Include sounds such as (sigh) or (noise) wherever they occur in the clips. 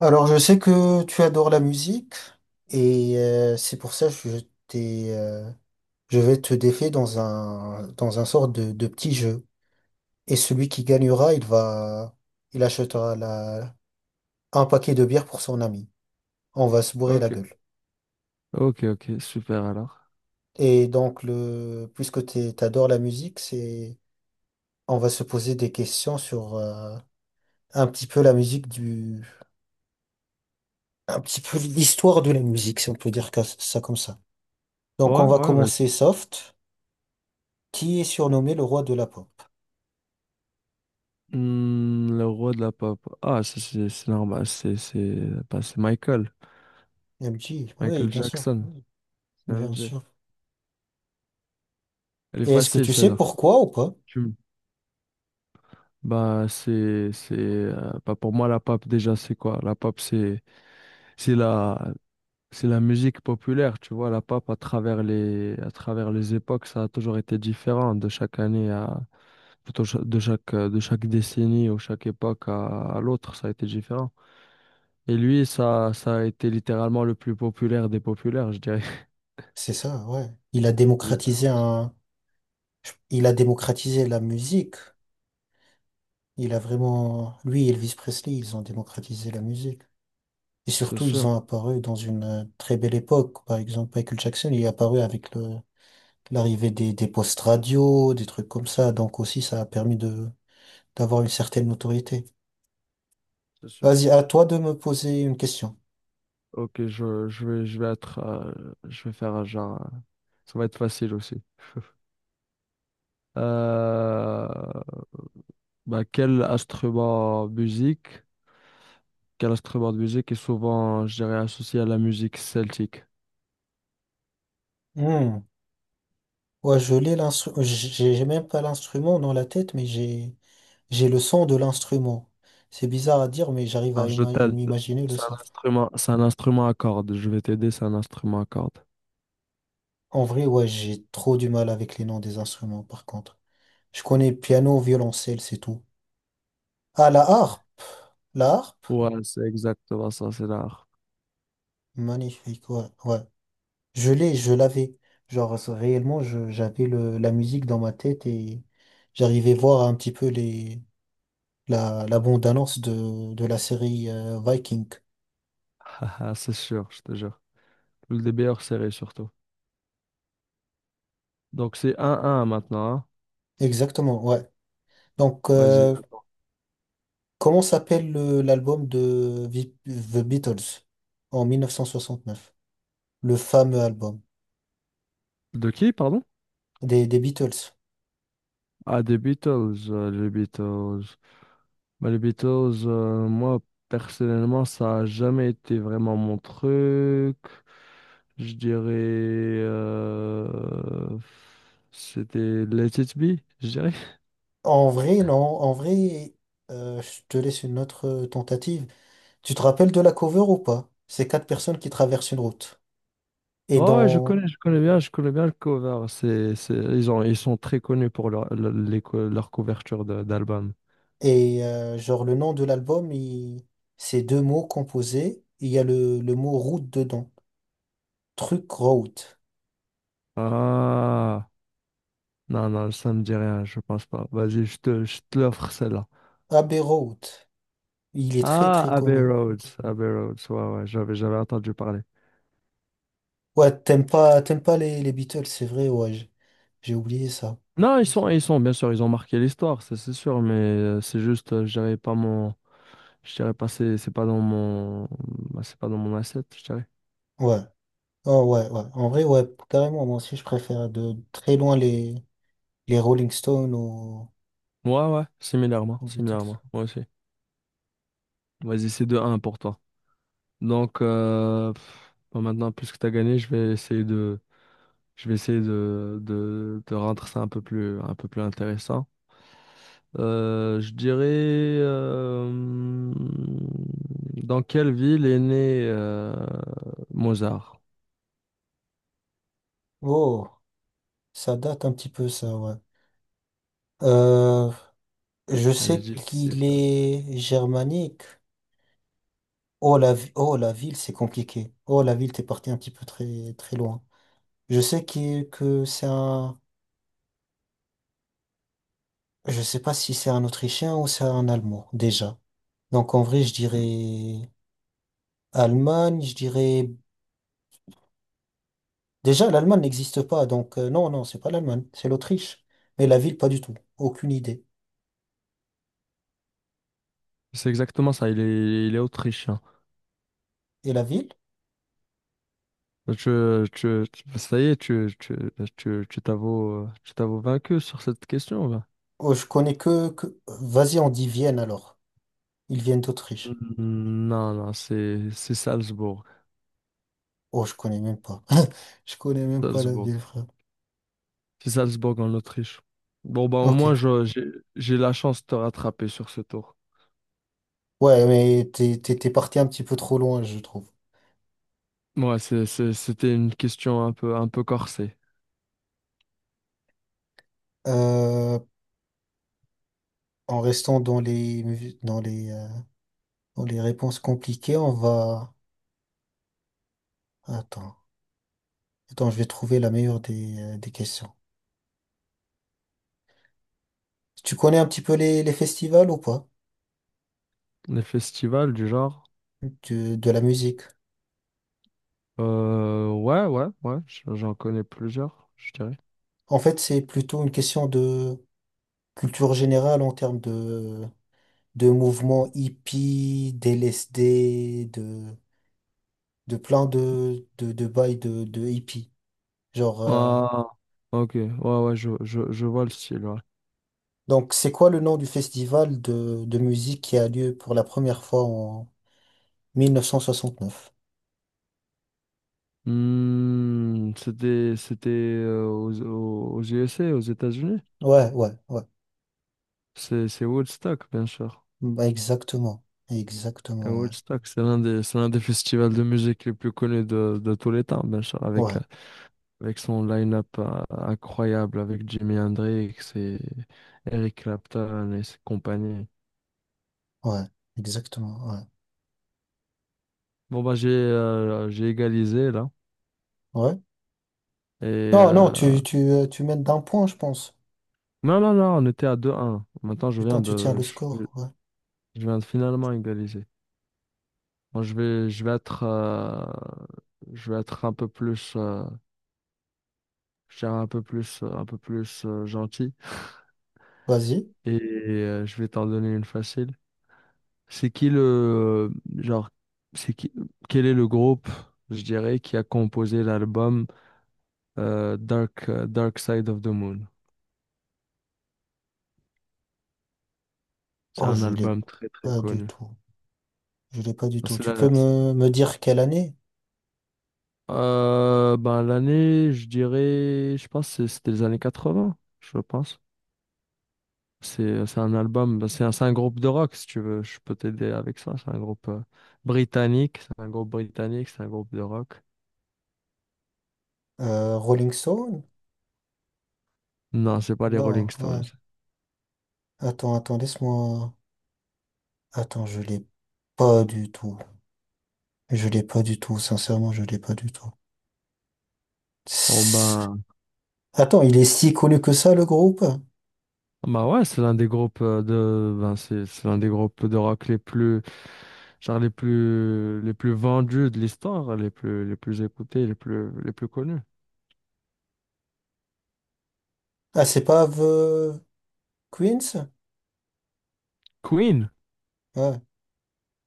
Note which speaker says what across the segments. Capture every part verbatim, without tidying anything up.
Speaker 1: Alors, je sais que tu adores la musique et euh, c'est pour ça que je t'ai, euh, je vais te défier dans un dans un sort de, de petit jeu. Et celui qui gagnera, il va, il achètera la, un paquet de bière pour son ami. On va se bourrer la
Speaker 2: Ok,
Speaker 1: gueule.
Speaker 2: ok, ok, super alors.
Speaker 1: Et donc le, puisque t'es- t'adores la musique, c'est, on va se poser des questions sur euh, un petit peu la musique du, un petit peu l'histoire de la musique, si on peut dire que- ça comme ça. Donc
Speaker 2: Ouais,
Speaker 1: on va
Speaker 2: ouais, vas-y.
Speaker 1: commencer soft. Qui est surnommé le roi de la pop.
Speaker 2: Hmm, le roi de la pop. Ah, c'est c'est- c'est normal, c'est c'est bah, c'est Michael.
Speaker 1: Elle me dit, oui,
Speaker 2: Michael
Speaker 1: bien sûr,
Speaker 2: Jackson,
Speaker 1: bien
Speaker 2: C M G.
Speaker 1: sûr.
Speaker 2: Elle est
Speaker 1: Et est-ce que
Speaker 2: facile
Speaker 1: tu sais
Speaker 2: celle-là.
Speaker 1: pourquoi ou pas?
Speaker 2: Tu me- Bah, c'est c'est euh, bah, pour moi la pop déjà c'est quoi? La pop c'est c'est la c'est la musique populaire, tu vois, la pop à travers les à travers les époques, ça a toujours été différent de chaque année à plutôt cha- de chaque, euh, de chaque décennie ou chaque époque à, à l'autre, ça a été différent. Et lui, ça, ça a été littéralement le plus populaire des populaires, je dirais.
Speaker 1: C'est ça, ouais. Il a
Speaker 2: (laughs)
Speaker 1: démocratisé
Speaker 2: Littéralement.
Speaker 1: un, il a démocratisé la musique. Il a vraiment, lui et Elvis Presley, ils ont démocratisé la musique. Et
Speaker 2: C'est
Speaker 1: surtout, ils
Speaker 2: sûr,
Speaker 1: ont apparu dans une euh, très belle époque. Par exemple, Michael Jackson, il est apparu avec le, l'arrivée des, des postes radio, des trucs comme ça. Donc aussi, ça a permis de, d'avoir une certaine notoriété.
Speaker 2: c'est sûr.
Speaker 1: Vas-y, à toi de me poser une question.
Speaker 2: Ok, je, je vais, je vais être, euh, je vais faire un genre, euh, ça va être facile aussi. (laughs) Euh, bah, quel instrument musique, quel instrument de musique est souvent, je dirais, associé à la musique celtique?
Speaker 1: Hmm. Ouais, je l'ai l'instru- j'ai j'ai même pas l'instrument dans la tête, mais j'ai j'ai le son de l'instrument. C'est bizarre à dire, mais j'arrive à
Speaker 2: Alors, je
Speaker 1: ima-
Speaker 2: t'aide.
Speaker 1: m'imaginer le
Speaker 2: C'est
Speaker 1: son.
Speaker 2: un instrument, c'est un instrument à cordes. Je vais t'aider, c'est un instrument à cordes.
Speaker 1: En vrai, ouais, j'ai trop du mal avec les noms des instruments, par contre. Je connais piano, violoncelle, c'est tout. Ah, la harpe. La harpe.
Speaker 2: Ouais, c'est exactement ça, c'est l'art.
Speaker 1: Magnifique, ouais, ouais. Je l'ai, je l'avais. Genre, ça, réellement, je- j'avais le, la musique dans ma tête et j'arrivais voir un petit peu les, la, la bande-annonce de, de la série euh, Viking.
Speaker 2: (laughs) C'est sûr, je te jure. Le meilleures séries surtout. Donc c'est un un maintenant, hein.
Speaker 1: Exactement, ouais. Donc,
Speaker 2: Vas-y,
Speaker 1: euh,
Speaker 2: attends.
Speaker 1: comment s'appelle le- l'album de Vi- The Beatles en mille neuf cent soixante neuf, le fameux album
Speaker 2: De qui, pardon?
Speaker 1: des, des Beatles.
Speaker 2: Ah, des Beatles, euh, les Beatles. Bah, les Beatles, euh, moi, personnellement, ça a jamais été vraiment mon truc. Je dirais... euh, c'était Let It Be, je dirais.
Speaker 1: En vrai, non. En vrai, euh, je te laisse une autre tentative. Tu te rappelles de la cover ou pas? C'est quatre personnes qui traversent une route. Et
Speaker 2: Ouais, ouais, je
Speaker 1: dans
Speaker 2: connais, je connais bien, je connais bien le cover. C'est, c'est, ils ont, ils sont très connus pour leur, le- les co- leur couverture de- d'album.
Speaker 1: et euh, genre le nom de l'album, il... c'est deux mots composés. Il y a le, le mot route dedans. Truc road.
Speaker 2: Ah, non, non, ça me dit rien, je pense pas. Vas-y, je te, je te l'offre celle-là.
Speaker 1: Abbey Road. Il est très
Speaker 2: Ah,
Speaker 1: très
Speaker 2: Abbey
Speaker 1: connu.
Speaker 2: Roads, Abbey Roads, ouais, ouais, j'avais, j'avais entendu parler.
Speaker 1: Ouais, t'aimes pas t'aimes pas les, les Beatles, c'est vrai. Ouais, j- j'ai oublié ça.
Speaker 2: Non, ils sont, ils sont, bien sûr, ils ont marqué l'histoire, ça c'est sûr, mais euh, c'est juste, euh, je dirais pas mon, je dirais pas, c'est c'est pas dans mon, bah, c'est pas dans mon asset, je dirais.
Speaker 1: Ouais. Oh ouais ouais. En vrai ouais, carrément. Moi aussi je préfère de très loin les les Rolling Stones aux,
Speaker 2: Ouais, ouais, similairement,
Speaker 1: aux Beatles.
Speaker 2: similairement, moi aussi. Vas-y, c'est deux un pour toi. Donc, euh, pff, bon, maintenant, puisque tu as gagné, je vais essayer de, je vais essayer de, de, de rendre ça un peu plus, un peu plus intéressant. Euh, je dirais, euh, dans quelle ville est né euh, Mozart?
Speaker 1: Oh, ça date un petit peu ça ouais. Euh, je sais
Speaker 2: Allez-y. Difficile.
Speaker 1: qu'il
Speaker 2: Celle-là.
Speaker 1: est germanique. Oh la, vi- oh, la ville, c'est compliqué. Oh la ville, t'es parti un petit peu très, très loin. Je sais qu'il- que c'est un... Je sais pas si c'est un Autrichien ou c'est un Allemand, déjà. Donc en vrai, je
Speaker 2: Mm.
Speaker 1: dirais Allemagne, je dirais... Déjà, l'Allemagne n'existe pas, donc euh, non, non, c'est pas l'Allemagne, c'est l'Autriche. Mais la ville, pas du tout. Aucune idée.
Speaker 2: C'est exactement ça, il est, il est autrichien.
Speaker 1: Et la ville?
Speaker 2: Tu, tu, tu- ça y est, tu, tu, tu, tu t'avoues, tu t'avoues vaincu sur cette question, là.
Speaker 1: Oh, je connais que... que... Vas-y, on dit Vienne alors. Ils viennent d'Autriche.
Speaker 2: Mm, Non, non, c'est c'est Salzbourg.
Speaker 1: Oh, je connais même pas. (laughs) Je connais même pas la
Speaker 2: Salzbourg.
Speaker 1: ville, frère.
Speaker 2: C'est Salzbourg en Autriche. Bon, bah au moins,
Speaker 1: Ok.
Speaker 2: je- j'ai j'ai la chance de te rattraper sur ce tour.
Speaker 1: Ouais, mais t'es, t'es, t'es parti un petit peu trop loin, je trouve.
Speaker 2: Ouais, c'est, c'est- c'était une question un peu, un peu corsée.
Speaker 1: Euh, en restant dans les, dans les, euh, dans les réponses compliquées, on va... Attends. Attends, je vais trouver la meilleure des, euh, des questions. Tu connais un petit peu les, les festivals ou pas?
Speaker 2: Les festivals du genre.
Speaker 1: De, de la musique.
Speaker 2: Euh, ouais, ouais, ouais, j- j'en connais plusieurs, je dirais.
Speaker 1: En fait, c'est plutôt une question de culture générale en termes de, de mouvements hippies, d'L S D, de de plein de, de, de bails de, de hippies. Genre, euh,
Speaker 2: Ah, ok. Ouais, ouais, je, je, je vois le style, ouais.
Speaker 1: donc, c'est quoi le nom du festival de, de musique qui a lieu pour la première fois en mille neuf cent soixante neuf.
Speaker 2: Hmm, c'était, c'était euh, aux, aux aux U S A, aux États-Unis.
Speaker 1: Ouais, ouais, ouais.
Speaker 2: C'est, c'est Woodstock, bien sûr.
Speaker 1: Bah, exactement.
Speaker 2: Et
Speaker 1: Exactement, ouais.
Speaker 2: Woodstock, c'est l'un des, c'est l'un des festivals de musique les plus connus de, de tous les temps, bien sûr, avec,
Speaker 1: Ouais,
Speaker 2: euh, avec son line-up euh, incroyable, avec Jimi Hendrix et Eric Clapton et ses compagnies.
Speaker 1: ouais. Exactement, ouais.
Speaker 2: Bon, bah, j'ai euh, j'ai égalisé, là.
Speaker 1: Ouais.
Speaker 2: Et,
Speaker 1: Non, non,
Speaker 2: euh,
Speaker 1: tu, tu, euh, tu mènes d'un point, je pense.
Speaker 2: non, non, non, on était à deux un. Maintenant, je viens
Speaker 1: Putain, tu tiens
Speaker 2: de,
Speaker 1: le
Speaker 2: je,
Speaker 1: score, ouais.
Speaker 2: je viens de finalement égaliser. Bon, je vais, je vais être, euh, je vais être un peu plus, euh, je dirais un peu plus, euh, un peu plus euh, gentil
Speaker 1: Vas-y.
Speaker 2: et euh, je vais t'en donner une facile. C'est qui le, genre, c'est qui, quel est le groupe, je dirais, qui a composé l'album euh, Dark, euh, Dark Side of the Moon? C'est
Speaker 1: Oh,
Speaker 2: un
Speaker 1: je l'ai
Speaker 2: album très très
Speaker 1: pas du
Speaker 2: connu.
Speaker 1: tout. Je l'ai pas du tout.
Speaker 2: C'est
Speaker 1: Tu
Speaker 2: la-
Speaker 1: peux me, me dire quelle année?
Speaker 2: euh, ben, l'année, je dirais, je pense que c'est- c'était les années quatre-vingts, je pense. C'est c'est un album, bah, c'est un, c'est un groupe de rock, si tu veux, je peux t'aider avec ça. C'est un groupe euh, britannique, c'est un groupe britannique, c'est un groupe de rock.
Speaker 1: Euh, Rolling Stone?
Speaker 2: Non, c'est pas les Rolling
Speaker 1: Non,
Speaker 2: Stones.
Speaker 1: ouais. Attends, attends, laisse-moi. Attends, je l'ai pas du tout. Je l'ai pas du tout, sincèrement, je l'ai pas du tout. (sniffs)
Speaker 2: Bon
Speaker 1: Tss.
Speaker 2: ben,
Speaker 1: Attends, il est si connu que ça, le groupe?
Speaker 2: bah ouais, c'est l'un des groupes euh, de, ben c'est c'est l'un des groupes de rock les plus, genre les plus, les plus vendus de l'histoire, les plus, les plus écoutés, les plus, les plus connus.
Speaker 1: Ah, c'est pas The Queens?
Speaker 2: Queen.
Speaker 1: Ouais.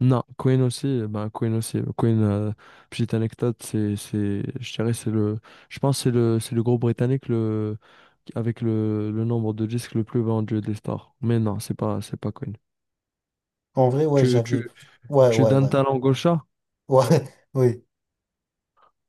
Speaker 2: Non, Queen aussi, ben Queen aussi. Queen, euh, petite anecdote, c'est, c'est, je dirais, c'est le, je pense que c'est le, c'est le groupe britannique le, avec le, le nombre de disques le plus vendu de l'histoire. Mais non, c'est pas, c'est pas Queen.
Speaker 1: En vrai, ouais,
Speaker 2: Tu,
Speaker 1: j'avais.
Speaker 2: tu,
Speaker 1: Ouais,
Speaker 2: tu
Speaker 1: ouais, ouais.
Speaker 2: donnes ta langue au chat?
Speaker 1: Ouais, (laughs) oui.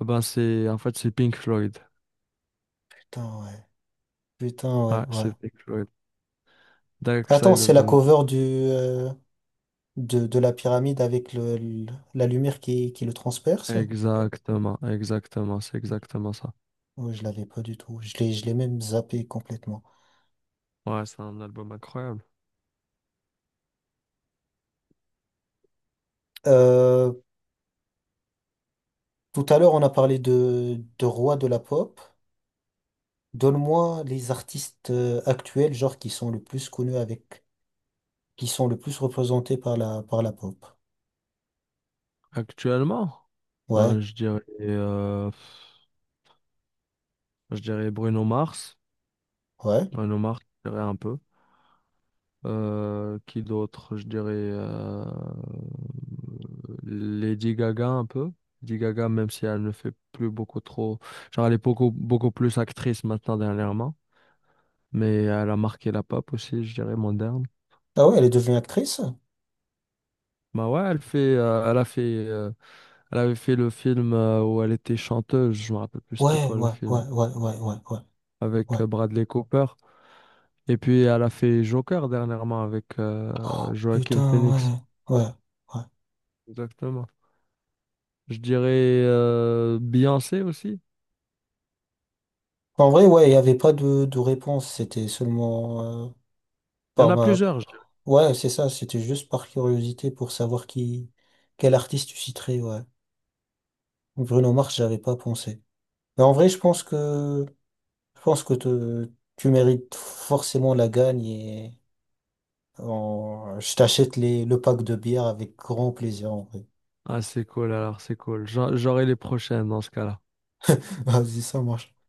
Speaker 2: Ben c'est, en fait, c'est Pink Floyd.
Speaker 1: Putain, ouais. Putain, ouais,
Speaker 2: Ouais,
Speaker 1: ouais.
Speaker 2: c'est Pink Floyd. Dark
Speaker 1: Attends,
Speaker 2: Side
Speaker 1: c'est
Speaker 2: of
Speaker 1: la
Speaker 2: the Moon.
Speaker 1: cover du, euh, de, de la pyramide avec le, le- la lumière qui, qui le transperce?
Speaker 2: Exactement, exactement, c'est exactement ça.
Speaker 1: Ouais, je l'avais pas du tout. Je l'ai, je l'ai même zappé complètement.
Speaker 2: Ouais, c'est un album incroyable.
Speaker 1: Euh, Tout à l'heure, on a parlé de, de roi de la pop. Donne-moi les artistes euh, actuels, genre qui sont le plus connus avec, qui sont le plus représentés par la, par la pop.
Speaker 2: Actuellement, ben
Speaker 1: Ouais,
Speaker 2: je dirais, euh, je dirais Bruno Mars.
Speaker 1: ouais.
Speaker 2: Nomar, je dirais un peu. Euh, qui d'autre? Je dirais euh, Lady Gaga un peu. Lady Gaga, même si elle ne fait plus beaucoup trop. Genre, elle est beaucoup, beaucoup plus actrice maintenant dernièrement. Mais elle a marqué la pop aussi, je dirais, moderne.
Speaker 1: Ah ouais, elle est devenue actrice?
Speaker 2: Bah ouais, elle fait, euh, elle a fait, euh, elle avait fait le film euh, où elle était chanteuse. Je me rappelle plus c'était
Speaker 1: Ouais,
Speaker 2: quoi le
Speaker 1: ouais, ouais,
Speaker 2: film.
Speaker 1: ouais, ouais, ouais, ouais, ouais.
Speaker 2: Avec euh, Bradley Cooper. Et puis, elle a fait Joker dernièrement avec euh,
Speaker 1: Oh,
Speaker 2: Joaquin Phoenix.
Speaker 1: putain, ouais, ouais, ouais.
Speaker 2: Exactement. Je dirais euh, Beyoncé aussi.
Speaker 1: En vrai, ouais, il n'y avait pas de, de réponse, c'était seulement euh,
Speaker 2: Il y en
Speaker 1: par
Speaker 2: a
Speaker 1: ma...
Speaker 2: plusieurs, je dirais.
Speaker 1: Ouais, c'est ça, c'était juste par curiosité pour savoir qui, quel artiste tu citerais, ouais. Bruno Mars, j'avais pas pensé. Mais en vrai, je pense que je pense que te- tu mérites forcément la gagne et en- je t'achète les, le pack de bière avec grand plaisir en vrai.
Speaker 2: Ah, c'est cool alors, c'est cool. J'en- J'aurai les prochaines dans ce cas-là.
Speaker 1: (laughs) Vas-y, ça marche.